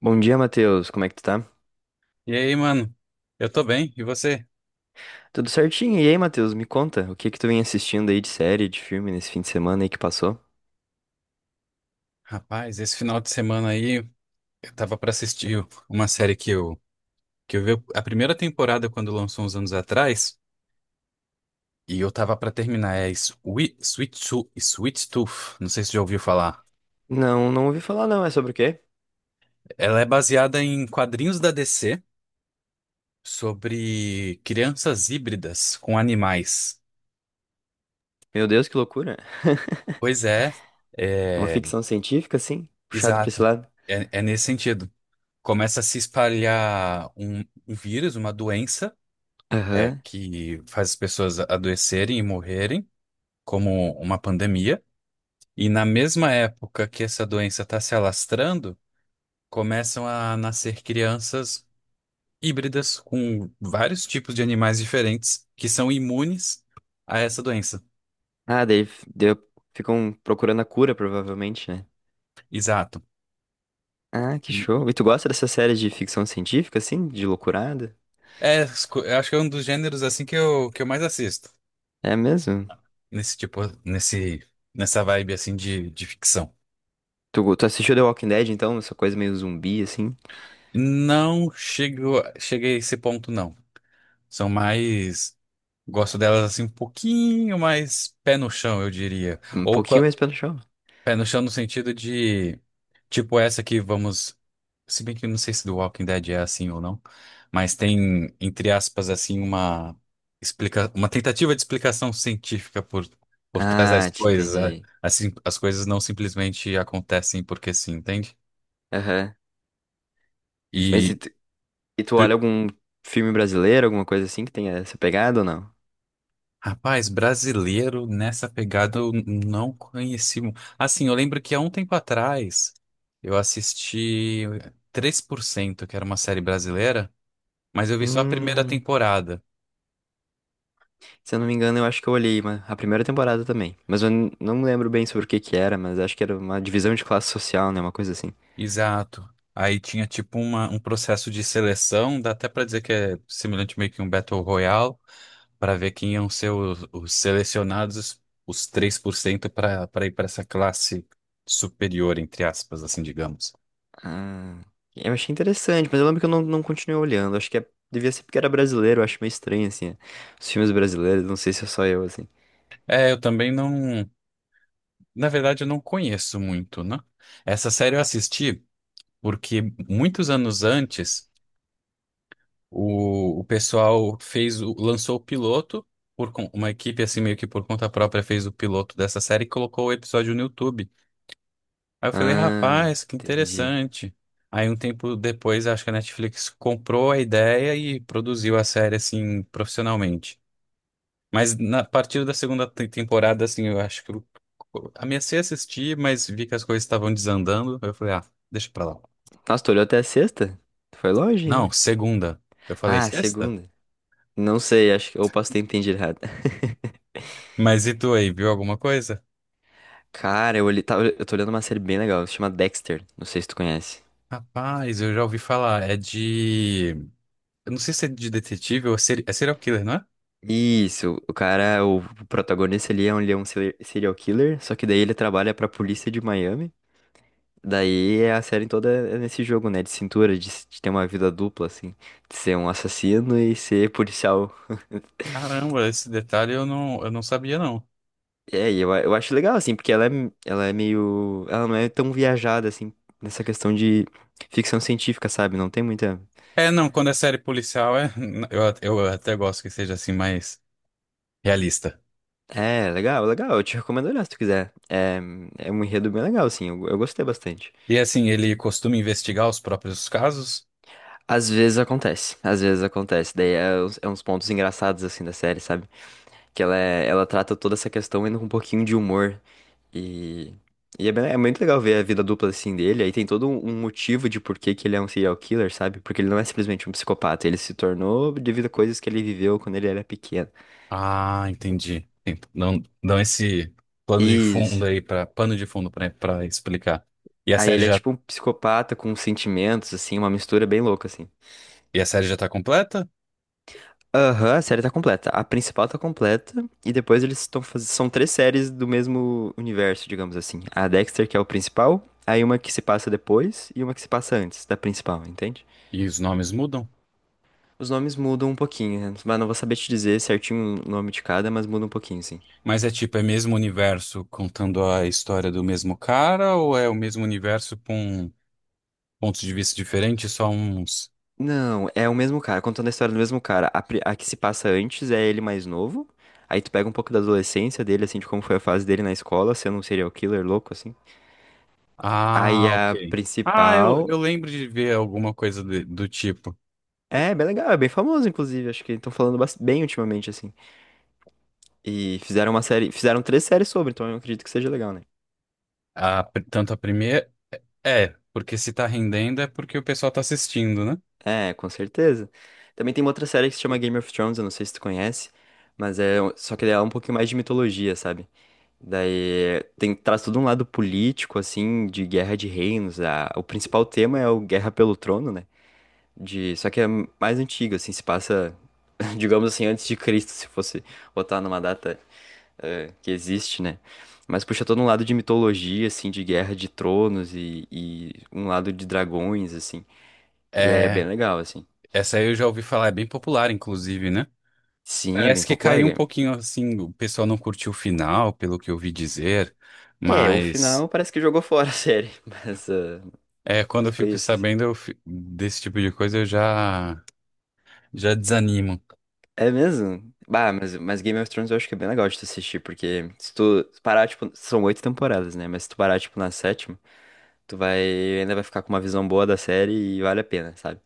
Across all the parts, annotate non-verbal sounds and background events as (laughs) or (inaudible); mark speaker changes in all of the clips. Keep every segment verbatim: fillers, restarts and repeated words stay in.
Speaker 1: Bom dia, Matheus. Como é que tu tá?
Speaker 2: E aí, mano? Eu tô bem, e você?
Speaker 1: Tudo certinho? E aí, Matheus, me conta, o que que tu vem assistindo aí de série, de filme nesse fim de semana aí que passou?
Speaker 2: Rapaz, esse final de semana aí eu tava pra assistir uma série que eu que eu vi a primeira temporada quando lançou uns anos atrás, e eu tava pra terminar, é Sweet, Sweet, Tooth- Sweet Tooth, não sei se você já ouviu falar.
Speaker 1: Não, não ouvi falar não, é sobre o quê?
Speaker 2: Ela é baseada em quadrinhos da D C sobre crianças híbridas com animais.
Speaker 1: Meu Deus, que loucura. (laughs)
Speaker 2: Pois é,
Speaker 1: Uma
Speaker 2: é
Speaker 1: ficção científica, assim? Puxado pra esse
Speaker 2: exato.
Speaker 1: lado?
Speaker 2: É, é nesse sentido. Começa a se espalhar um um vírus, uma doença é,
Speaker 1: Aham.
Speaker 2: que faz as pessoas adoecerem e morrerem, como uma pandemia. E na mesma época que essa doença está se alastrando, começam a nascer crianças híbridas com vários tipos de animais diferentes que são imunes a essa doença.
Speaker 1: Ah, daí, f- deu- Ficam procurando a cura, provavelmente, né?
Speaker 2: Exato.
Speaker 1: Ah, que
Speaker 2: E-
Speaker 1: show. E
Speaker 2: e-
Speaker 1: tu gosta dessa série de ficção científica, assim? De loucurada?
Speaker 2: é, esco- eu acho que é um dos gêneros assim que eu, que eu mais assisto
Speaker 1: É mesmo?
Speaker 2: nesse tipo, nesse, nessa vibe assim de, de ficção.
Speaker 1: Tu, go- tu assistiu The Walking Dead, então? Essa coisa meio zumbi, assim?
Speaker 2: Não chego, cheguei a esse ponto, não. São mais Gosto delas assim um pouquinho mais pé no chão, eu diria.
Speaker 1: Um
Speaker 2: Ou
Speaker 1: pouquinho
Speaker 2: qua-
Speaker 1: mais pelo show.
Speaker 2: pé no chão no sentido de, tipo essa que vamos. Se bem que eu não sei se do Walking Dead é assim ou não, mas tem, entre aspas, assim, uma explica... uma tentativa de explicação científica por, por trás
Speaker 1: Ah,
Speaker 2: das
Speaker 1: te
Speaker 2: coisas. a-
Speaker 1: entendi.
Speaker 2: Assim, as coisas não simplesmente acontecem porque sim, entende?
Speaker 1: Aham. Mas e
Speaker 2: E
Speaker 1: tu, e tu olha algum filme brasileiro, alguma coisa assim que tenha essa pegada ou não?
Speaker 2: Rapaz, brasileiro nessa pegada eu n- não conheci. mu- Assim, eu lembro que há um tempo atrás eu assisti três por cento que era uma série brasileira, mas eu vi só a primeira
Speaker 1: Hum,
Speaker 2: temporada.
Speaker 1: se eu não me engano, eu acho que eu olhei uma- a primeira temporada também. Mas eu n- não me lembro bem sobre o que que era, mas acho que era uma divisão de classe social, né? Uma coisa assim.
Speaker 2: Exato. Aí tinha tipo uma- um processo de seleção, dá até pra dizer que é semelhante meio que um Battle Royale, pra ver quem iam ser os, os selecionados, os três por cento pra para ir pra essa classe superior, entre aspas, assim, digamos.
Speaker 1: Ah, eu achei interessante, mas eu lembro que eu não, não continuei olhando. Acho que é- devia ser porque era brasileiro, eu acho meio estranho, assim. Os filmes brasileiros, não sei se é só eu, assim.
Speaker 2: É, eu também não. Na verdade, eu não conheço muito, né? Essa série eu assisti porque muitos anos antes o, o pessoal fez o, lançou o piloto por con- uma equipe assim meio que por conta própria fez o piloto dessa série e colocou o episódio no YouTube. Aí eu falei,
Speaker 1: Ah,
Speaker 2: rapaz, que
Speaker 1: entendi.
Speaker 2: interessante. Aí um tempo depois, acho que a Netflix comprou a ideia e produziu a série assim profissionalmente. Mas na, a partir da segunda te- temporada, assim, eu acho que eu amecei a assistir, mas vi que as coisas estavam desandando. Eu falei, ah, deixa pra lá.
Speaker 1: Nossa, tu olhou até a sexta? Foi longe
Speaker 2: Não,
Speaker 1: ainda.
Speaker 2: segunda. Eu falei,
Speaker 1: Ah, a
Speaker 2: sexta?
Speaker 1: segunda. Não sei, acho que eu posso ter entendido errado.
Speaker 2: Mas e tu aí, viu alguma coisa?
Speaker 1: Cara, eu, olhei- tá- Eu tô olhando uma série bem legal, se chama Dexter, não sei se tu conhece.
Speaker 2: Rapaz, eu já ouvi falar. É de. Eu não sei se é de detetive ou seri- é serial killer, não é?
Speaker 1: Isso, o cara, o protagonista ali é um, ele é um seri- serial killer, só que daí ele trabalha pra polícia de Miami. Daí é a série toda é nesse jogo, né, de cintura, de, s- de ter uma vida dupla, assim, de ser um assassino e ser policial. (laughs)
Speaker 2: Caramba, esse detalhe eu não, eu não sabia, não.
Speaker 1: É, e eu, a- eu acho legal, assim, porque ela é, m- ela é meio, ela não é tão viajada, assim, nessa questão de ficção científica, sabe? Não tem muita.
Speaker 2: É, não, quando é série policial, é... (laughs) eu, at- eu até gosto que seja assim mais realista.
Speaker 1: É, legal, legal. Eu te recomendo olhar se tu quiser. É, é um enredo bem legal, assim. Eu, eu gostei bastante.
Speaker 2: E assim, ele costuma investigar os próprios casos?
Speaker 1: Às vezes acontece, às vezes acontece. Daí é, uns é uns pontos engraçados, assim, da série, sabe? Que ela, é- ela trata toda essa questão indo com um pouquinho de humor. E, e é, bem- É muito legal ver a vida dupla, assim, dele. Aí tem todo um um motivo de por que que ele é um serial killer, sabe? Porque ele não é simplesmente um psicopata. Ele se tornou devido a coisas que ele viveu quando ele era pequeno.
Speaker 2: Ah, entendi. Tem- Dão, dão esse plano de
Speaker 1: Isso.
Speaker 2: fundo aí para pano de fundo para para explicar. E a
Speaker 1: Aí
Speaker 2: série
Speaker 1: ele é
Speaker 2: já
Speaker 1: tipo um psicopata com sentimentos, assim, uma mistura bem louca, assim.
Speaker 2: e a série já tá completa?
Speaker 1: Aham, a série tá completa. A principal tá completa. E depois eles estão fazendo. São três séries do mesmo universo, digamos assim. A Dexter, que é o principal. Aí uma que se passa depois e uma que se passa antes da principal, entende?
Speaker 2: E os nomes mudam?
Speaker 1: Os nomes mudam um pouquinho, né? Mas não vou saber te dizer certinho o nome de cada, mas muda um pouquinho, sim.
Speaker 2: Mas é tipo, é mesmo universo contando a história do mesmo cara ou é o mesmo universo com pontos de vista diferentes, só uns?
Speaker 1: Não, é o mesmo cara, contando a história do mesmo cara. A, pri- a que se passa antes é ele mais novo. Aí tu pega um pouco da adolescência dele, assim, de como foi a fase dele na escola, sendo um serial killer louco, assim. Aí
Speaker 2: Ah,
Speaker 1: a
Speaker 2: ok. Ah, eu,
Speaker 1: principal
Speaker 2: eu lembro de ver alguma coisa de- do tipo.
Speaker 1: é bem legal, é bem famoso, inclusive. Acho que estão falando bas- bem ultimamente, assim. E fizeram uma série, fizeram três séries sobre, então eu acredito que seja legal, né?
Speaker 2: A, pr- tanto a primeira. É, porque se tá rendendo é porque o pessoal tá assistindo, né?
Speaker 1: É, com certeza. Também tem uma outra série que se chama Game of Thrones, eu não sei se tu conhece, mas é, um- só que ela é um pouquinho mais de mitologia, sabe? Daí tem, traz todo um lado político, assim, de guerra de reinos. A, o principal tema é o Guerra pelo Trono, né? De, só que é mais antigo, assim, se passa, (laughs) digamos assim, antes de Cristo, se fosse botar numa data é, que existe, né? Mas puxa todo um lado de mitologia, assim, de guerra de tronos e, e um lado de dragões, assim. E aí é bem
Speaker 2: É.
Speaker 1: legal, assim.
Speaker 2: Essa aí eu já ouvi falar, é bem popular, inclusive, né?
Speaker 1: Sim, é bem
Speaker 2: Parece que
Speaker 1: popular,
Speaker 2: caiu um
Speaker 1: game.
Speaker 2: pouquinho assim, o pessoal não curtiu o final, pelo que eu ouvi dizer,
Speaker 1: É, o
Speaker 2: mas
Speaker 1: final parece que jogou (laughs) fora a série, (laughs) mas, ah,
Speaker 2: é, quando
Speaker 1: mas
Speaker 2: eu
Speaker 1: foi
Speaker 2: fico
Speaker 1: isso, assim.
Speaker 2: sabendo eu fi- desse tipo de coisa, eu já já desanimo.
Speaker 1: É mesmo? Bah, mas, mas Game of Thrones eu acho que é bem legal de tu assistir, porque se tu parar, tipo, são oito temporadas, né? Mas se tu parar, tipo, na sétima, tu vai, ainda vai ficar com uma visão boa da série e vale a pena, sabe?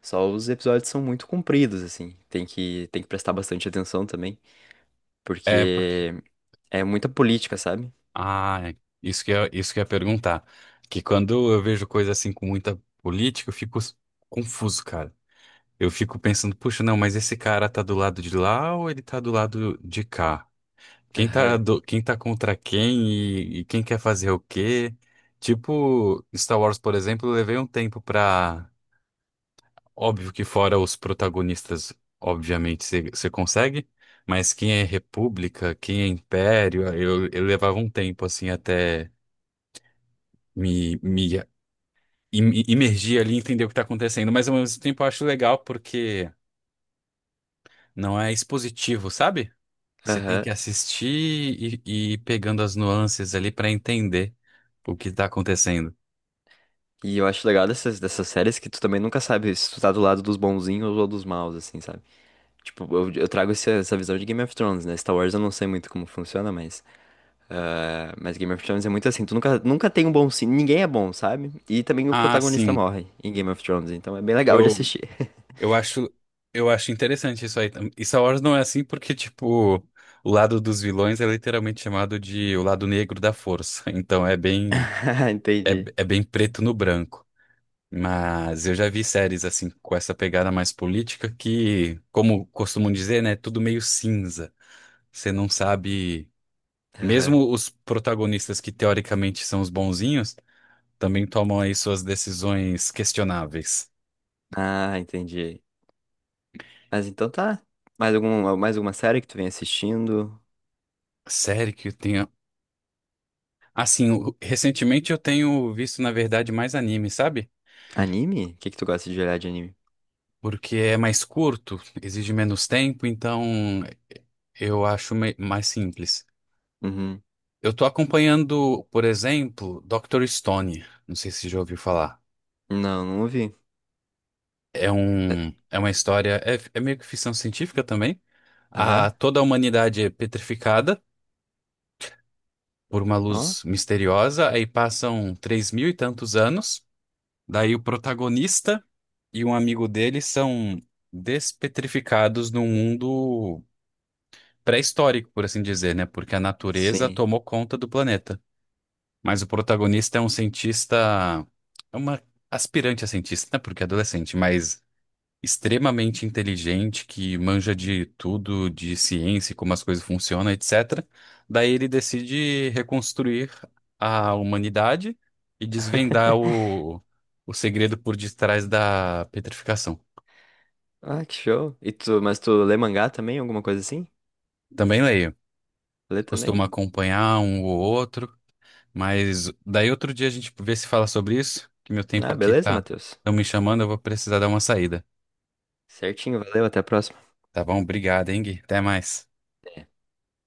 Speaker 1: Só os episódios são muito compridos, assim. Tem que, tem que prestar bastante atenção também,
Speaker 2: É, porque
Speaker 1: porque é muita política, sabe?
Speaker 2: ah, é. isso que eu, isso que eu ia perguntar, que quando eu vejo coisa assim com muita política, eu fico s- confuso, cara. Eu fico pensando, puxa, não, mas esse cara tá do lado de lá ou ele tá do lado de cá? Quem tá,
Speaker 1: Aham,
Speaker 2: do- quem tá contra quem e, e quem quer fazer o quê? Tipo, Star Wars, por exemplo, eu levei um tempo pra. Óbvio que fora os protagonistas, obviamente, você consegue, mas quem é República, quem é Império, eu, eu levava um tempo assim até me, me im- imergir ali e entender o que tá acontecendo. Mas ao mesmo tempo eu acho legal porque não é expositivo, sabe? Você tem que
Speaker 1: aham.
Speaker 2: assistir e, e ir pegando as nuances ali pra entender. O que está acontecendo?
Speaker 1: E eu acho legal dessas, dessas séries que tu também nunca sabe se tu tá do lado dos bonzinhos ou dos maus, assim, sabe? Tipo, eu, eu trago esse- essa visão de Game of Thrones, né? Star Wars eu não sei muito como funciona, mas. Ah, mas Game of Thrones é muito assim, tu nunca, nunca tem um bom. sim- Ninguém é bom, sabe? E também o
Speaker 2: Ah,
Speaker 1: protagonista
Speaker 2: sim.
Speaker 1: morre em Game of Thrones, então é bem legal de
Speaker 2: Eu,
Speaker 1: assistir.
Speaker 2: eu acho, eu acho interessante isso aí. E Star Wars não é assim porque, tipo, o lado dos vilões é literalmente chamado de o lado negro da força. (laughs) Então é bem,
Speaker 1: (laughs)
Speaker 2: é,
Speaker 1: Entendi.
Speaker 2: é bem preto no branco. Mas eu já vi séries assim com essa pegada mais política que, como costumam dizer, né, é tudo meio cinza. Você não sabe,
Speaker 1: Aham.
Speaker 2: mesmo os protagonistas que teoricamente são os bonzinhos, também tomam aí suas decisões questionáveis.
Speaker 1: Ah, entendi. Mas então tá. Mais algum, mais alguma série que tu vem assistindo?
Speaker 2: Série que eu tenho. Assim, o- recentemente eu tenho visto, na verdade, mais anime, sabe?
Speaker 1: Anime? O que que tu gosta de olhar de anime?
Speaker 2: Porque é mais curto, exige menos tempo, então eu acho me- mais simples.
Speaker 1: Uhum.
Speaker 2: Eu tô acompanhando, por exemplo, doutor Stone. Não sei se já ouviu falar.
Speaker 1: Não, não ouvi.
Speaker 2: É
Speaker 1: É,
Speaker 2: um, é uma história, é, é meio que ficção científica também. A,
Speaker 1: aham.
Speaker 2: toda a humanidade é petrificada por uma
Speaker 1: Ó,
Speaker 2: luz misteriosa, aí passam três mil e tantos anos. Daí o protagonista. E um amigo dele são despetrificados num mundo pré-histórico, por assim dizer, né? Porque a natureza
Speaker 1: sim.
Speaker 2: tomou conta do planeta. Mas o protagonista é um cientista, é uma aspirante a cientista, né? Porque é adolescente, mas extremamente inteligente, que manja de tudo, de ciência, como as coisas funcionam, etcétera. Daí ele decide reconstruir a humanidade e desvendar
Speaker 1: (laughs)
Speaker 2: o, o segredo por detrás da petrificação.
Speaker 1: Ah, que show. E tu, mas tu lê mangá também? Alguma coisa assim?
Speaker 2: Também leio.
Speaker 1: Lê também?
Speaker 2: Costuma acompanhar um ou outro, mas daí outro dia a gente vê se fala sobre isso, que meu tempo
Speaker 1: Ah,
Speaker 2: aqui
Speaker 1: beleza,
Speaker 2: tá,
Speaker 1: Matheus.
Speaker 2: estão me chamando, eu vou precisar dar uma saída.
Speaker 1: Certinho, valeu, até a próxima.
Speaker 2: Tá bom? Obrigado, hein, Gui? Até mais.